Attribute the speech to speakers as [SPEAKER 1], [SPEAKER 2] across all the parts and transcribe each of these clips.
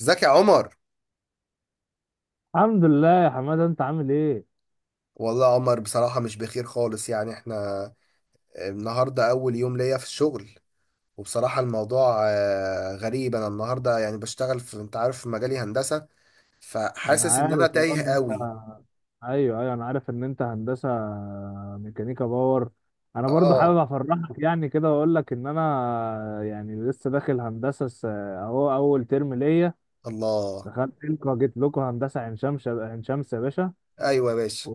[SPEAKER 1] ازيك يا عمر؟
[SPEAKER 2] الحمد لله يا حماده، انت عامل ايه؟
[SPEAKER 1] والله يا عمر بصراحة مش بخير خالص، يعني احنا النهاردة أول يوم ليا في الشغل. وبصراحة الموضوع غريب. أنا النهاردة يعني بشتغل في، أنت عارف، في مجالي هندسة،
[SPEAKER 2] انا
[SPEAKER 1] فحاسس إن أنا
[SPEAKER 2] عارف
[SPEAKER 1] تايه
[SPEAKER 2] ان انت،
[SPEAKER 1] قوي.
[SPEAKER 2] ايوه ايوه، انا عارف ان انت هندسه ميكانيكا باور. انا برضو
[SPEAKER 1] آه
[SPEAKER 2] حابب افرحك يعني كده واقول لك ان انا يعني لسه داخل هندسه، اهو اول ترم ليا.
[SPEAKER 1] الله.
[SPEAKER 2] دخلت لكم، جيت لكم هندسه عين شمس، عين شمس يا باشا.
[SPEAKER 1] أيوة يا باشا.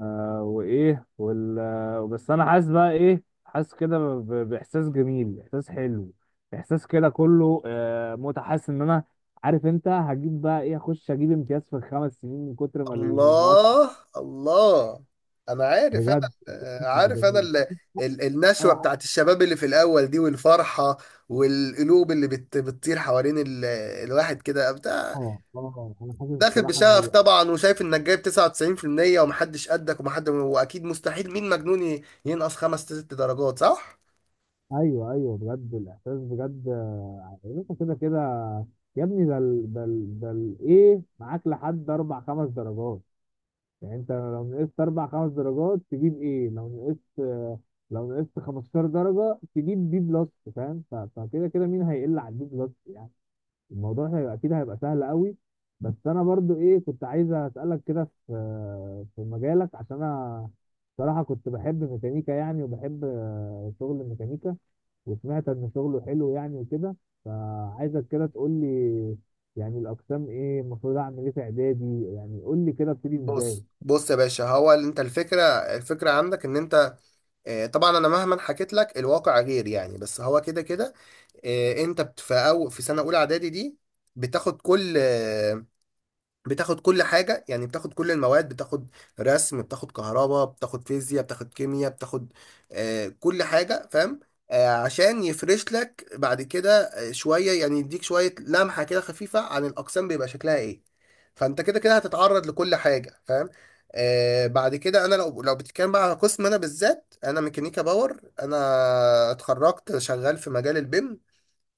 [SPEAKER 2] آه وايه وال آه، بس انا حاسس بقى ايه، حاسس كده باحساس جميل، احساس حلو، احساس كده كله متعه، حاسس ان انا عارف انت هجيب بقى ايه، اخش اجيب امتياز في 5 سنين من كتر ما ما المواد.
[SPEAKER 1] الله الله. أنا عارف.
[SPEAKER 2] بجد،
[SPEAKER 1] أنا
[SPEAKER 2] يعني
[SPEAKER 1] عارف أنا
[SPEAKER 2] جميل.
[SPEAKER 1] النشوة
[SPEAKER 2] اه
[SPEAKER 1] بتاعت الشباب اللي في الأول دي والفرحة، والقلوب اللي بتطير حوالين الواحد كده.
[SPEAKER 2] اه اه، انا حاسس
[SPEAKER 1] داخل
[SPEAKER 2] الصراحه
[SPEAKER 1] بشغف
[SPEAKER 2] ان،
[SPEAKER 1] طبعا، وشايف انك جايب 99% ومحدش قدك ومحد، واكيد مستحيل مين مجنون ينقص خمس ست درجات، صح؟
[SPEAKER 2] ايوه ايوه بجد الاحساس بجد. انت كده كده، يا ابني، ايه معاك لحد اربع خمس درجات. يعني انت لو نقصت اربع خمس درجات تجيب ايه؟ لو نقصت 15 درجة تجيب بي بلس. فاهم؟ فكده كده مين هيقل على البي بلس يعني؟ الموضوع هيبقى اكيد، هيبقى سهل قوي. بس انا برضو ايه، كنت عايز اسالك كده في مجالك، عشان انا صراحة كنت بحب ميكانيكا يعني، وبحب شغل الميكانيكا، وسمعت ان شغله حلو يعني وكده. فعايزك كده تقول لي يعني الاقسام ايه، المفروض اعمل ايه في اعدادي؟ يعني قول لي كده ابتدي ازاي.
[SPEAKER 1] بص يا باشا، هو اللي انت الفكره عندك ان انت، طبعا انا مهما حكيت لك الواقع غير، يعني بس هو كده كده. انت في أو في سنه اولى اعدادي دي بتاخد كل بتاخد كل حاجة، يعني بتاخد كل المواد، بتاخد رسم، بتاخد كهرباء، بتاخد فيزياء، بتاخد كيمياء، بتاخد كل حاجة، فاهم؟ عشان يفرش لك بعد كده شوية، يعني يديك شوية لمحة كده خفيفة عن الأقسام بيبقى شكلها إيه. فأنت كده كده هتتعرض لكل حاجة، فاهم؟ بعد كده أنا، لو بتتكلم بقى على قسم، أنا بالذات أنا ميكانيكا باور، أنا اتخرجت شغال في مجال البيم.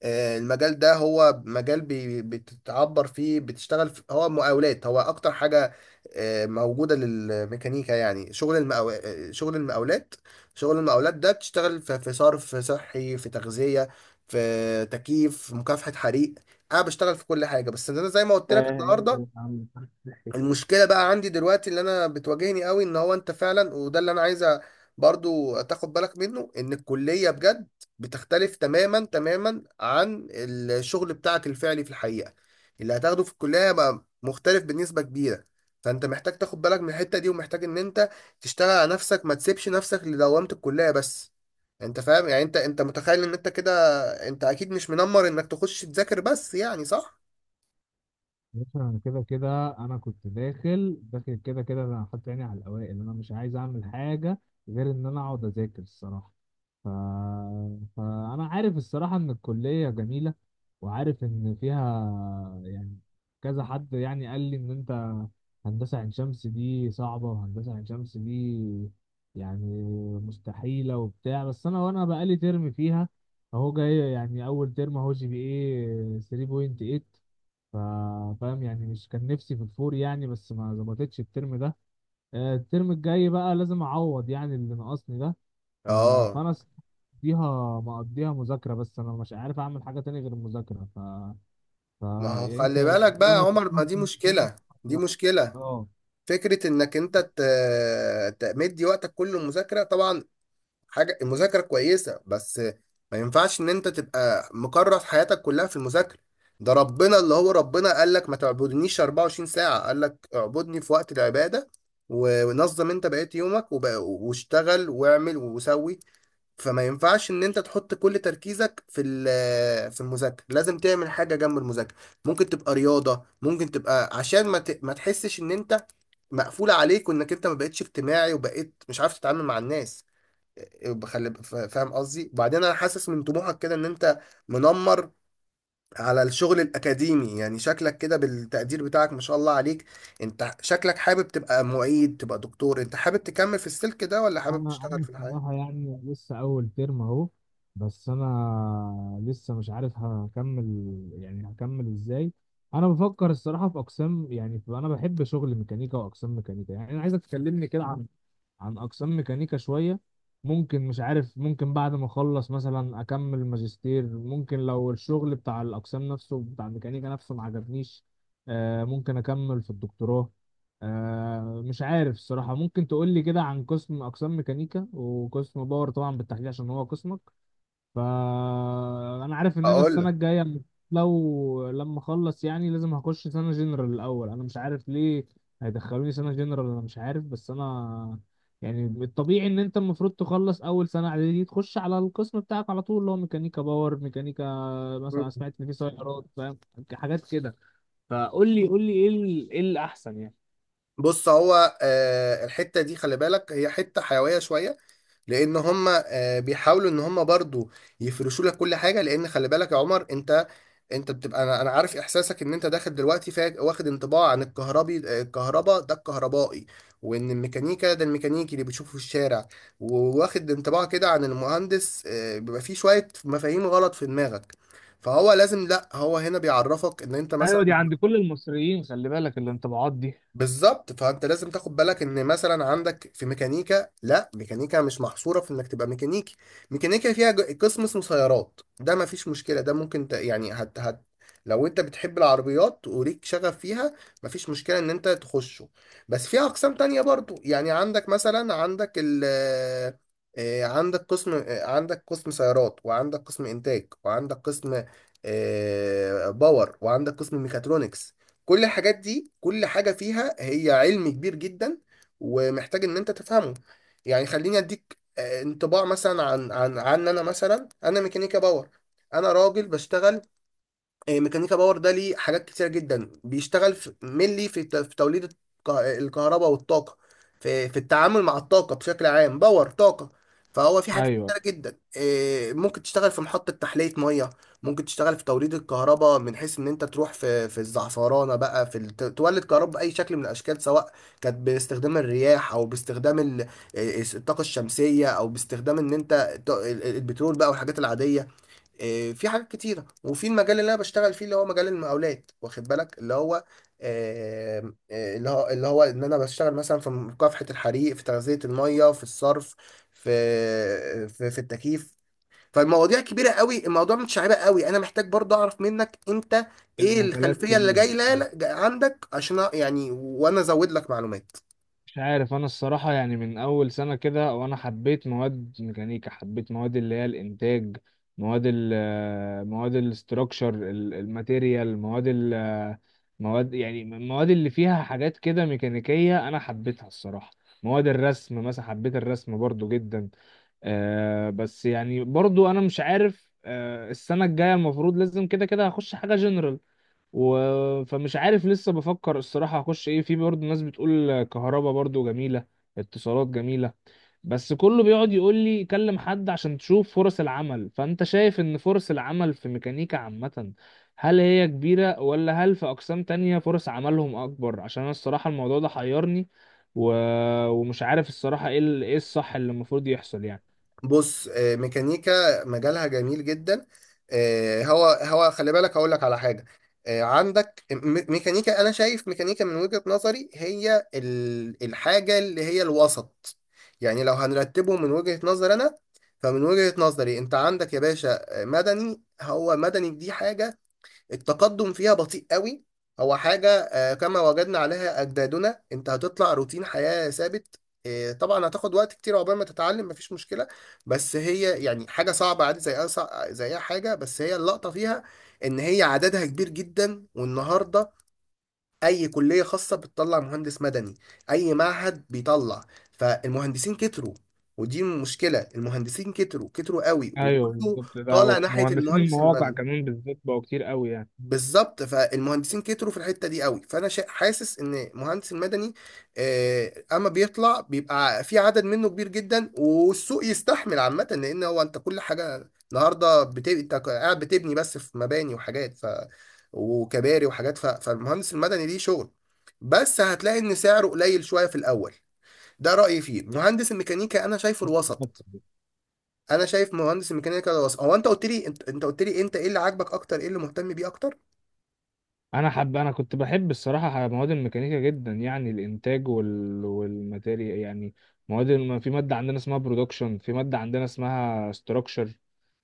[SPEAKER 1] المجال ده هو مجال بتتعبر فيه، بتشتغل في، هو مقاولات، هو اكتر حاجة موجودة للميكانيكا. يعني شغل المقاو... آه، شغل المقاولات ده بتشتغل في، في صرف صحي، في تغذية، في تكييف، في مكافحة حريق. انا بشتغل في كل حاجة. بس انا زي ما قلت لك
[SPEAKER 2] ايه يا
[SPEAKER 1] النهاردة،
[SPEAKER 2] عم؟
[SPEAKER 1] المشكله بقى عندي دلوقتي اللي انا بتواجهني قوي، ان هو انت فعلا، وده اللي انا عايزه برضو تاخد بالك منه، ان الكليه بجد بتختلف تماما تماما عن الشغل بتاعك الفعلي في الحقيقه. اللي هتاخده في الكليه هيبقى مختلف بنسبه كبيره، فانت محتاج تاخد بالك من الحته دي، ومحتاج ان انت تشتغل على نفسك، ما تسيبش نفسك لدوامه الكليه بس. انت فاهم يعني، انت متخيل ان انت كده، انت اكيد مش منمر انك تخش تذاكر بس، يعني صح؟
[SPEAKER 2] بص، انا كده كده انا كنت داخل كده كده انا حاطط عيني على الاوائل، انا مش عايز اعمل حاجه غير ان انا اقعد اذاكر الصراحه. ف... فانا عارف الصراحه ان الكليه جميله، وعارف ان فيها يعني كذا حد يعني قال لي ان انت هندسه عين شمس دي صعبه، وهندسه عين شمس دي يعني مستحيله وبتاع. بس انا، وانا بقالي ترم فيها، اهو جاي يعني اول ترم، اهو جي بي ايه 3.8. فاهم يعني؟ مش كان نفسي في الفور يعني، بس ما ظبطتش الترم ده. الترم الجاي بقى لازم اعوض يعني اللي ناقصني ده. ف-
[SPEAKER 1] اه.
[SPEAKER 2] فانا مقضيها مقضيها مذاكرة، بس انا مش عارف اعمل حاجة تاني غير المذاكرة. ف...
[SPEAKER 1] ما هو
[SPEAKER 2] يعني انت،
[SPEAKER 1] خلي بالك بقى يا
[SPEAKER 2] رأيك
[SPEAKER 1] عمر، ما
[SPEAKER 2] تسمح
[SPEAKER 1] دي
[SPEAKER 2] بالموضوع؟
[SPEAKER 1] مشكلة، دي
[SPEAKER 2] لا.
[SPEAKER 1] مشكلة.
[SPEAKER 2] اه.
[SPEAKER 1] فكرة انك انت تمدي وقتك كله مذاكرة، طبعا حاجة المذاكرة كويسة، بس ما ينفعش ان انت تبقى مكرس حياتك كلها في المذاكرة. ده ربنا، اللي هو ربنا قال لك ما تعبدنيش 24 ساعة، قال لك اعبدني في وقت العبادة، ونظم انت بقيت يومك واشتغل واعمل وسوي. فما ينفعش ان انت تحط كل تركيزك في في المذاكره، لازم تعمل حاجه جنب المذاكره. ممكن تبقى رياضه، ممكن تبقى عشان ما ما تحسش ان انت مقفول عليك، وانك انت ما بقتش اجتماعي، وبقيت مش عارف تتعامل مع الناس. بخلي، فاهم قصدي؟ وبعدين انا حاسس من طموحك كده ان انت منمر على الشغل الاكاديمي، يعني شكلك كده بالتقدير بتاعك ما شاء الله عليك. انت شكلك حابب تبقى معيد، تبقى دكتور، انت حابب تكمل في السلك ده، ولا حابب
[SPEAKER 2] انا
[SPEAKER 1] تشتغل
[SPEAKER 2] انا
[SPEAKER 1] في الحياه؟
[SPEAKER 2] بصراحه يعني لسه اول ترم اهو، بس انا لسه مش عارف هكمل، يعني هكمل ازاي. انا بفكر الصراحه في اقسام يعني، انا بحب شغل ميكانيكا واقسام ميكانيكا، يعني انا عايزك تكلمني كده عن اقسام ميكانيكا شويه. ممكن، مش عارف، ممكن بعد ما اخلص مثلا اكمل ماجستير، ممكن لو الشغل بتاع الاقسام نفسه، بتاع الميكانيكا نفسه ما عجبنيش، ممكن اكمل في الدكتوراه. مش عارف الصراحه، ممكن تقول لي كده عن قسم، اقسام ميكانيكا وقسم باور طبعا بالتحديد عشان هو قسمك. فانا عارف ان انا
[SPEAKER 1] اقول
[SPEAKER 2] السنه الجايه، لما اخلص يعني، لازم هخش سنه جنرال الاول، انا مش عارف ليه هيدخلوني سنه جنرال، انا مش عارف، بس انا يعني الطبيعي ان انت المفروض تخلص اول سنه اعدادي تخش على القسم بتاعك على طول اللي هو ميكانيكا باور، ميكانيكا
[SPEAKER 1] لك،
[SPEAKER 2] مثلا، سمعت ان في سيارات، فاهم، حاجات كده. فقول لي، قول لي ايه الاحسن يعني؟
[SPEAKER 1] بص، هو الحتة دي خلي بالك هي حتة حيوية شوية، لأن هم بيحاولوا إن هم برضو يفرشوا لك كل حاجة. لأن خلي بالك يا عمر، أنت بتبقى، أنا عارف إحساسك، إن أنت داخل دلوقتي، واخد انطباع عن الكهربي، الكهرباء ده الكهربائي، وإن الميكانيكا ده الميكانيكي اللي بتشوفه في الشارع. وواخد انطباع كده عن المهندس، بيبقى فيه شوية مفاهيم غلط في دماغك، فهو لازم، لا هو هنا بيعرفك ان انت مثلا،
[SPEAKER 2] ايوه، دي عند كل المصريين، خلي بالك الانطباعات دي.
[SPEAKER 1] بالظبط. فانت لازم تاخد بالك ان مثلا عندك في ميكانيكا، لا ميكانيكا مش محصوره في انك تبقى ميكانيكي. ميكانيكا فيها قسم اسمه سيارات، ده ما فيش مشكله، ده ممكن ت... يعني هت... هت... لو انت بتحب العربيات وليك شغف فيها، ما فيش مشكله ان انت تخشه. بس في اقسام تانية برضو، يعني عندك مثلا، عندك قسم، عندك قسم سيارات، وعندك قسم انتاج، وعندك قسم باور، وعندك قسم ميكاترونكس. كل الحاجات دي، كل حاجة فيها هي علم كبير جدا، ومحتاج ان انت تفهمه. يعني خليني اديك انطباع مثلا عن عن انا، مثلا انا ميكانيكا باور، انا راجل بشتغل ميكانيكا باور. ده ليه حاجات كتيرة جدا، بيشتغل في ملي، في في توليد الكهرباء والطاقة، في في التعامل مع الطاقة بشكل عام، باور طاقة. فهو في حاجات
[SPEAKER 2] ايوه،
[SPEAKER 1] كتيرة جدا، ممكن تشتغل في محطة تحلية مية، ممكن تشتغل في توليد الكهرباء، من حيث ان انت تروح في، في الزعفرانة بقى، في تولد كهرباء بأي شكل من الأشكال، سواء كانت باستخدام الرياح، أو باستخدام الطاقة الشمسية، أو باستخدام ان انت البترول بقى والحاجات العادية. في حاجات كتيرة. وفي المجال اللي أنا بشتغل فيه، اللي هو مجال المقاولات، واخد بالك، اللي هو اللي هو، اللي هو إن أنا بشتغل مثلا في مكافحة الحريق، في تغذية المية، في الصرف، في التكييف. فالمواضيع كبيرة قوي، الموضوع متشعبة قوي. أنا محتاج برضه أعرف منك أنت إيه
[SPEAKER 2] المجالات
[SPEAKER 1] الخلفية اللي
[SPEAKER 2] كبيرة.
[SPEAKER 1] جاية عندك، عشان يعني وأنا أزود لك معلومات.
[SPEAKER 2] مش عارف انا الصراحة يعني من اول سنة كده وانا حبيت مواد ميكانيكا، حبيت مواد اللي هي الانتاج، مواد ال مواد الاستراكشر، الماتيريال، مواد، يعني المواد اللي فيها حاجات كده ميكانيكية انا حبيتها الصراحة. مواد الرسم مثلا، حبيت الرسم برضو جدا. بس يعني برضو انا مش عارف، السنة الجاية المفروض لازم كده كده هخش حاجة جنرال. فمش عارف، لسه بفكر الصراحة هخش ايه. في برضه ناس بتقول كهربا برضه جميلة، اتصالات جميلة. بس كله بيقعد يقول لي كلم حد عشان تشوف فرص العمل. فانت شايف ان فرص العمل في ميكانيكا عامة، هل هي كبيرة، ولا هل في اقسام تانية فرص عملهم اكبر؟ عشان انا الصراحة الموضوع ده حيرني، و... ومش عارف الصراحة ايه الصح اللي المفروض يحصل يعني.
[SPEAKER 1] بص، ميكانيكا مجالها جميل جدا. هو، هو خلي بالك هقول لك على حاجه، عندك ميكانيكا. انا شايف ميكانيكا من وجهه نظري هي الحاجه اللي هي الوسط. يعني لو هنرتبه من وجهه نظر انا، فمن وجهه نظري انت عندك يا باشا مدني. هو مدني دي حاجه التقدم فيها بطيء قوي. هو حاجة كما وجدنا عليها أجدادنا، أنت هتطلع روتين حياة ثابت. طبعا هتاخد وقت كتير عقبال ما تتعلم، مفيش مشكلة، بس هي يعني حاجة صعبة عادي، زي زي أي حاجة. بس هي اللقطة فيها إن هي عددها كبير جدا. والنهاردة أي كلية خاصة بتطلع مهندس مدني، أي معهد بيطلع، فالمهندسين كتروا. ودي مشكلة، المهندسين كتروا، كتروا قوي،
[SPEAKER 2] ايوه
[SPEAKER 1] وكله
[SPEAKER 2] بالظبط ده،
[SPEAKER 1] طالع
[SPEAKER 2] وفي
[SPEAKER 1] ناحية
[SPEAKER 2] مهندسين
[SPEAKER 1] المهندس
[SPEAKER 2] المواقع
[SPEAKER 1] المدني.
[SPEAKER 2] كمان بالذات بقوا كتير قوي يعني.
[SPEAKER 1] بالظبط، فالمهندسين كتروا في الحته دي قوي. فانا حاسس ان مهندس المدني اما بيطلع بيبقى في عدد منه كبير جدا. والسوق يستحمل عامه، لان هو انت كل حاجه النهارده انت قاعد بتبني بس، في مباني وحاجات، وكباري وحاجات، فالمهندس المدني ليه شغل، بس هتلاقي ان سعره قليل شويه في الاول. ده رايي فيه. مهندس الميكانيكا انا شايفه الوسط. انا شايف مهندس الميكانيكا ده الوسط. هو انت قلت لي انت، ايه اللي عاجبك اكتر، ايه اللي مهتم بيه اكتر؟
[SPEAKER 2] انا كنت بحب الصراحه مواد الميكانيكا جدا، يعني الانتاج والماتيريال يعني. في ماده عندنا اسمها برودكشن، في ماده عندنا اسمها ستراكشر.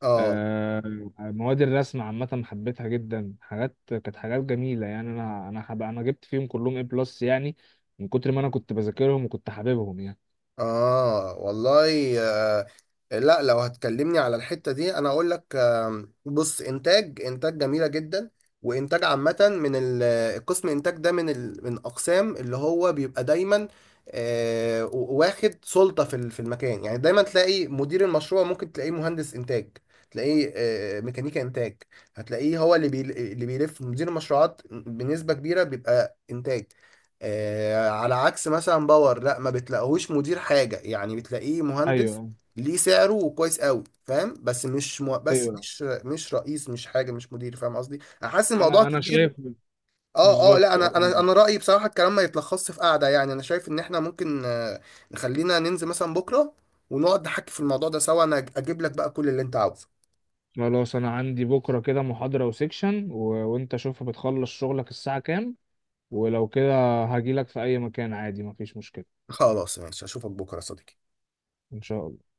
[SPEAKER 1] اه
[SPEAKER 2] آه... مواد الرسم عامه حبيتها جدا، حاجات كانت حاجات جميله يعني. انا جبت فيهم كلهم اي بلس يعني، من كتر ما انا كنت بذاكرهم وكنت حاببهم يعني.
[SPEAKER 1] اه. والله لا، لو هتكلمني على الحتة دي انا اقول لك، بص، انتاج، انتاج جميلة جدا، وانتاج عامة. من ال- القسم انتاج ده من ال من اقسام اللي هو بيبقى دايما واخد سلطة في في المكان، يعني دايما تلاقي مدير المشروع ممكن تلاقيه مهندس انتاج، تلاقيه ميكانيكا انتاج. هتلاقيه هو اللي بيلف مدير المشروعات بنسبة كبيرة بيبقى انتاج. على عكس مثلا باور، لا، ما بتلاقيهوش مدير حاجة، يعني بتلاقيه مهندس،
[SPEAKER 2] ايوه
[SPEAKER 1] ليه سعره وكويس قوي، فاهم؟ بس مش بس
[SPEAKER 2] ايوه،
[SPEAKER 1] مش رئيس، مش حاجة، مش مدير، فاهم قصدي؟ انا حاسس الموضوع
[SPEAKER 2] انا
[SPEAKER 1] كبير.
[SPEAKER 2] شايف.
[SPEAKER 1] اه اه. لا،
[SPEAKER 2] بالظبط.
[SPEAKER 1] انا رأيي بصراحة الكلام ما يتلخصش في قعدة. يعني انا شايف ان احنا ممكن نخلينا ننزل مثلا بكرة، ونقعد نحكي في الموضوع ده سوا، انا اجيب لك بقى كل اللي انت عاوزه.
[SPEAKER 2] خلاص، انا عندي بكره كده محاضره وسيكشن، وانت شوف بتخلص شغلك الساعه كام، ولو كده هجيلك في اي مكان عادي، مفيش مشكلة.
[SPEAKER 1] خلاص ماشي، اشوفك بكرة يا صديقي.
[SPEAKER 2] ان شاء الله.